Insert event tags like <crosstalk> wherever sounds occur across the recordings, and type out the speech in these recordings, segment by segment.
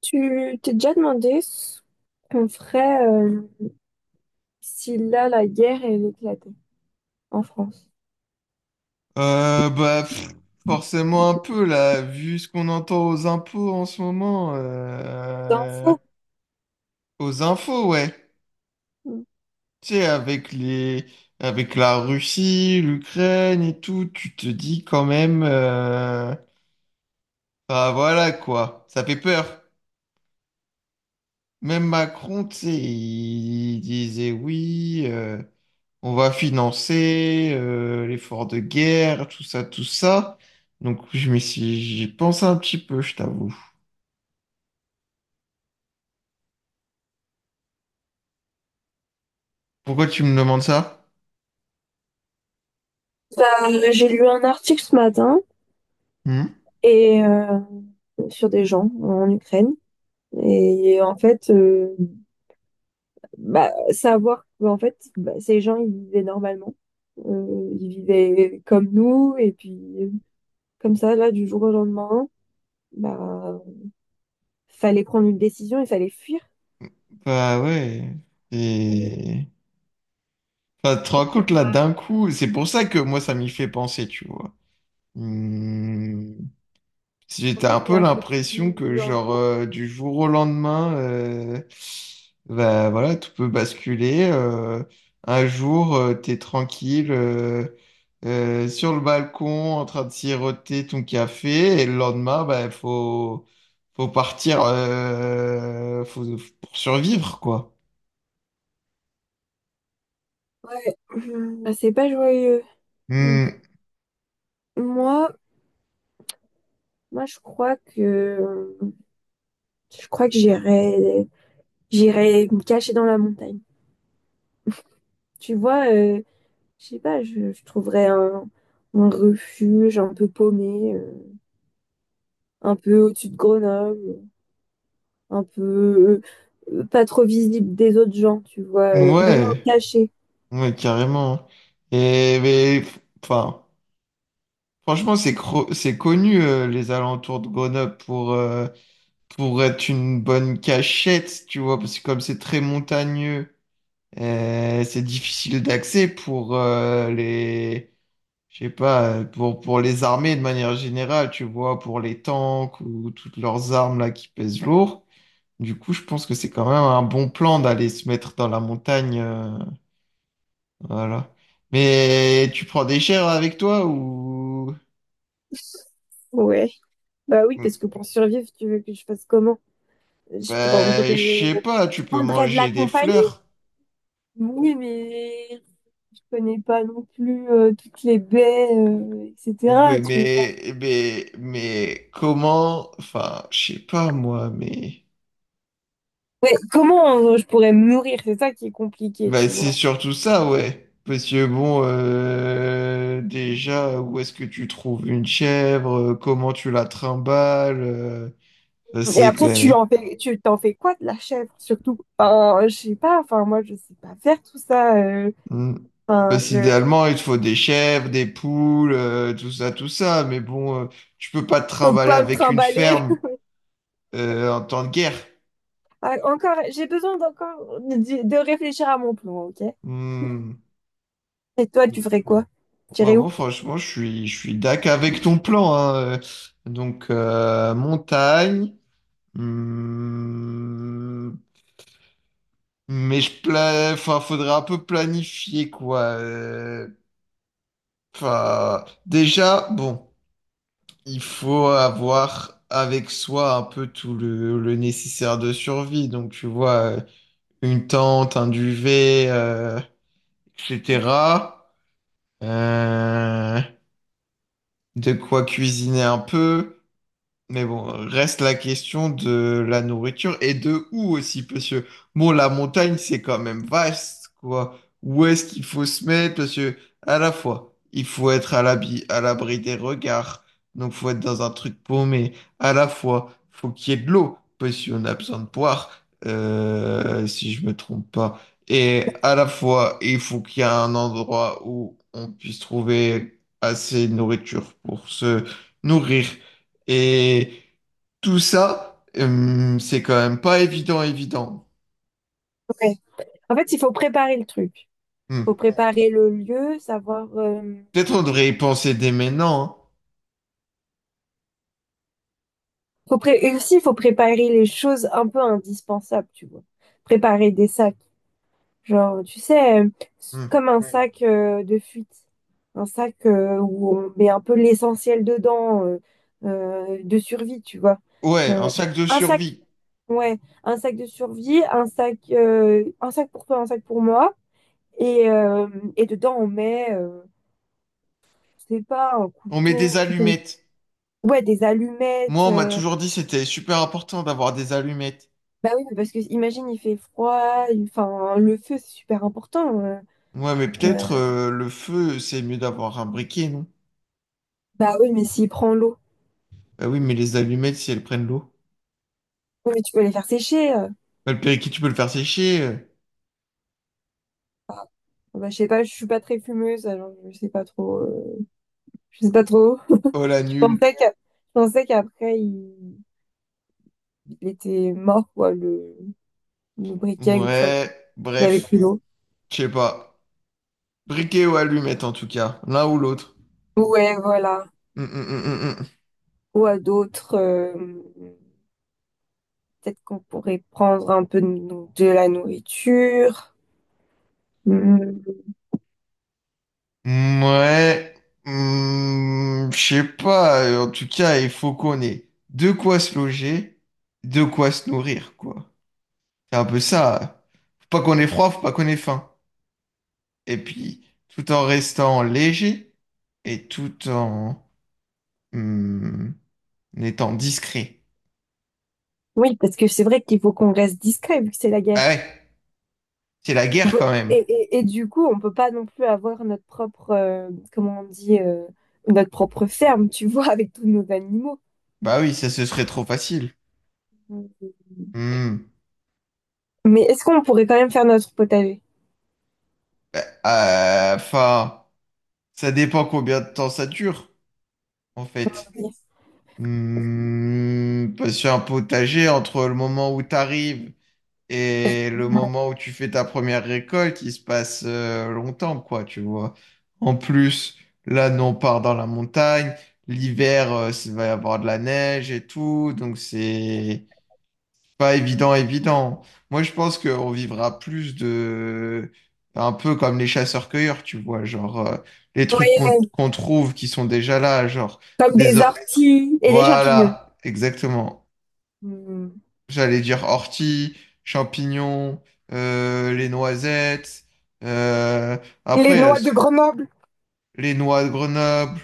Tu t'es déjà demandé ce qu'on ferait si là la guerre elle éclatait en France? Euh, bah, pff, Forcément un peu, là, vu ce qu'on entend aux impôts en ce moment. C'est un euh, fou. Aux infos, ouais. Tu sais, avec avec la Russie, l'Ukraine et tout, tu te dis quand même. Bah voilà, quoi. Ça fait peur. Même Macron, tu sais, il disait oui, on va financer l'effort de guerre, tout ça, tout ça. Donc, J'y pense un petit peu, je t'avoue. Pourquoi tu me demandes ça? J'ai lu un article ce matin Hmm. et sur des gens en Ukraine et en fait bah, savoir que, en fait bah, ces gens ils vivaient normalement. Ils vivaient comme nous et puis comme ça là du jour au lendemain bah fallait prendre une décision, il fallait fuir. Bah ouais. Et... Enfin, tu te rends compte là Bah, d'un coup, c'est pour ça que moi ça m'y fait penser, tu vois. Hmm. J'étais franchement un ça peu m'a l'impression que foutu un coup. Du jour au lendemain, bah voilà, tout peut basculer. Un jour, t'es tranquille sur le balcon en train de siroter ton café, et le lendemain, bah faut partir, faut, pour survivre quoi. Ouais. Mhm. Bah, c'est pas joyeux. Mm. Hmm, Moi, moi, je crois que je crois que j'irai me cacher dans la montagne. Tu vois, je sais pas, je trouverais un refuge un peu paumé, un peu au-dessus de Grenoble, un peu pas trop visible des autres gens, tu vois, vraiment ouais, caché. ouais, carrément. Et mais, enfin, franchement, c'est connu les alentours de Grenoble pour pour être une bonne cachette, tu vois, parce que comme c'est très montagneux, c'est difficile d'accès pour je sais pas, pour les armées de manière générale, tu vois, pour les tanks ou toutes leurs armes là qui pèsent lourd. Du coup, je pense que c'est quand même un bon plan d'aller se mettre dans la montagne, voilà. Mais tu prends des chairs avec toi Ouais. Bah oui, parce que pour survivre, tu veux que je fasse comment? Je Ben, je prendrais, sais pas, je tu peux prendrais de la manger des compagnie. fleurs. Oui, mais je connais pas non plus toutes les baies, Ouais, etc. Tu vois. Mais comment, enfin, je sais pas moi, mais Ouais, comment je pourrais me nourrir? C'est ça qui est compliqué, bah, tu c'est vois. surtout ça, ouais. Parce que bon, déjà, où est-ce que tu trouves une chèvre? Comment tu la trimbales? Ça, Et c'est après, clair. Tu t'en fais quoi de la chèvre, surtout? Enfin, je sais pas, enfin, moi, je sais pas faire tout ça. Hmm. Enfin, Parce je qu'idéalement, il te faut des chèvres, des poules, tout ça, tout ça. Mais bon, tu peux pas te peux trimballer pas me avec une trimballer. ferme <laughs> euh, en temps de guerre. Ah, encore, j'ai besoin d'encore de, réfléchir à mon plan, ok? Hmm. Et toi, tu ferais quoi? Tu Bon, irais moi, où? franchement, je suis dac avec ton plan, hein. Donc, montagne. Hum, enfin, faudra un peu planifier, quoi. Enfin, déjà, bon, il faut avoir avec soi un peu le nécessaire de survie. Donc, tu vois, euh, une tente, un duvet, etc. Euh, de quoi cuisiner un peu. Mais bon, reste la question de la nourriture et de où aussi, parce que bon, la montagne, c'est quand même vaste, quoi. Où est-ce qu'il faut se mettre? Parce que, à la fois, il faut être à l'abri des regards, donc faut être dans un truc paumé. À la fois, faut qu'il y ait de l'eau, parce qu'on a besoin de boire, si je me trompe pas. Et à la fois, il faut qu'il y ait un endroit où on puisse trouver assez de nourriture pour se nourrir. Et tout ça, c'est quand même pas évident, évident. Ouais. En fait, il faut préparer le truc. Faut Hmm. préparer le lieu, savoir. Peut-être on devrait y penser dès maintenant. Et aussi, il faut préparer les choses un peu indispensables, tu vois. Préparer des sacs. Genre, tu sais, Hein. comme un ouais, sac de fuite. Un sac où on met un peu l'essentiel dedans, de survie, tu vois. Hmm. Ouais, un Euh, sac de un sac, survie. ouais, un sac de survie, un sac pour toi, un sac pour moi. Et, euh, et dedans, on met, je sais pas, un On met couteau. des allumettes. Ouais, des allumettes. Moi, on m'a toujours dit que c'était super important d'avoir des allumettes. Bah oui, parce que imagine, il fait froid. Enfin, le feu, c'est super important. Ouais, mais peut-être euh, euh, le feu, c'est mieux d'avoir un briquet, non? Bah oui, mais s'il prend l'eau, Bah oui, mais les allumettes, si elles prennent l'eau. oui, mais tu peux les faire sécher. Bah, le périquet, tu peux le faire sécher, euh. Enfin, bah, je sais pas, je suis pas très fumeuse, alors je sais pas trop. Je sais pas trop. <laughs> Oh la nulle. Je pensais qu'après, il était mort, quoi, le briquet, une fois Ouais, qu'il avait bref, plus d'eau. je sais pas. Briquet ou allumette en tout cas, l'un ou l'autre. Ouais, voilà. Hmm, hmm, hmm, hmm, hmm. Ou à d'autres, peut-être qu'on pourrait prendre un peu de la nourriture. Mm, mm. Ouais, hmm, je sais pas. En tout cas, il faut qu'on ait de quoi se loger, de quoi se nourrir, quoi. C'est un peu ça. Faut pas qu'on ait froid, faut pas qu'on ait faim. Et puis, tout en restant léger et hmm, en étant discret. Oui, parce que c'est vrai qu'il faut qu'on reste discret vu que c'est la guerre. Ah ouais, c'est la guerre quand même. Et du coup, on peut pas non plus avoir notre propre, comment on dit, notre propre ferme, tu vois, <laughs> avec tous nos animaux. Bah oui, ça ce serait trop facile. Hmm. Mais est-ce qu'on pourrait quand même faire notre potager? Enfin, ça dépend combien de temps ça dure, en fait. Oui, Hmm, parce qu'un potager, entre le moment où tu arrives et le moment où tu fais ta première récolte, il se passe longtemps, quoi, tu vois. En plus, là, nous, on part dans la montagne. L'hiver, il va y avoir de la neige et tout, donc c'est pas évident, évident. Moi, je pense qu'on vivra plus un peu comme les chasseurs-cueilleurs, tu vois, genre les trucs qu'on oui, trouve qui sont déjà là, genre comme des, des o- orties et des champignons. voilà, exactement. Hmm. J'allais dire ortie, champignons, les noisettes. euh, Les après, il y a noix de s- Grenoble. les noix de Grenoble.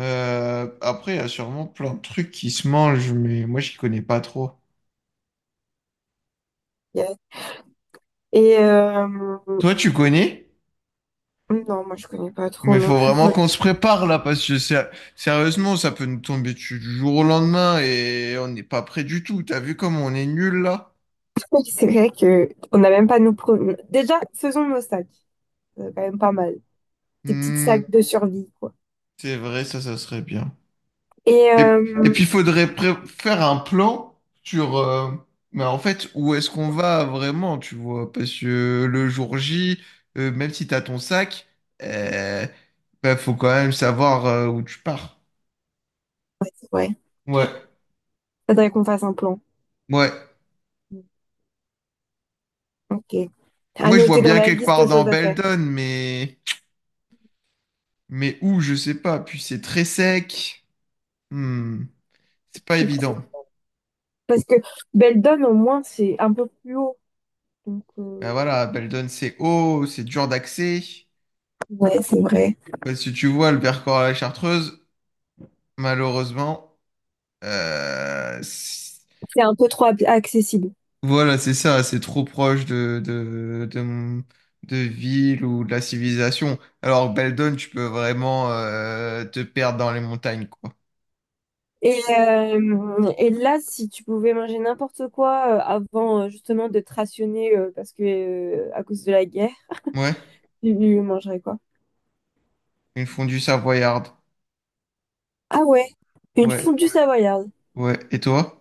Après, il y a sûrement plein de trucs qui se mangent, mais moi, j'y connais pas trop. Yes. Et Toi, tu connais? non, moi je connais pas trop Mais non faut plus vraiment votre qu'on se prépare là, parce que sérieusement, ça peut nous tomber dessus du jour au lendemain et on n'est pas prêt du tout. T'as vu comme on est nul là? truc. C'est vrai que on n'a même pas nos pro- Déjà, faisons nos sacs. C'est quand même pas mal. Des petites Hmm, sacs de survie, quoi. c'est vrai, ça serait bien. Et Et, et puis, il faudrait faire un plan sur, mais en fait, où est-ce qu'on va vraiment, tu vois? Parce que le jour J, même si t'as ton sac, euh, bah, faut quand même savoir où tu pars. ouais, Ouais, faudrait qu'on fasse un plan. ouais. Ok. À Moi, je vois noter dans bien la quelque liste part de dans choses à faire. Beldon, mais où, je sais pas. Puis c'est très sec. Hmm, c'est pas évident. <laughs> Parce que Beldon, au moins, c'est un peu plus haut. Donc, Ben voilà, Beldon, c'est haut, c'est dur d'accès. ouais, c'est vrai. Parce que tu vois, le Vercors à la Chartreuse, malheureusement. Euh, c- C'est un peu trop accessible. voilà, c'est ça, c'est trop proche de ville ou de la civilisation. Alors, Beldon, tu peux vraiment te perdre dans les montagnes, quoi. Et là, si tu pouvais manger n'importe quoi avant justement de te rationner parce que à cause de la guerre, Ouais, tu mangerais quoi? une fondue savoyarde. Ah ouais, une Ouais, fondue savoyarde. ouais. Et toi?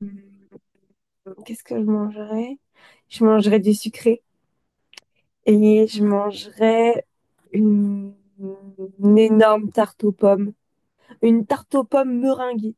Hmm, qu'est-ce que je mangerais? Je mangerais du sucré. Et je mangerais une, une énorme tarte aux pommes. Une tarte aux pommes meringuée.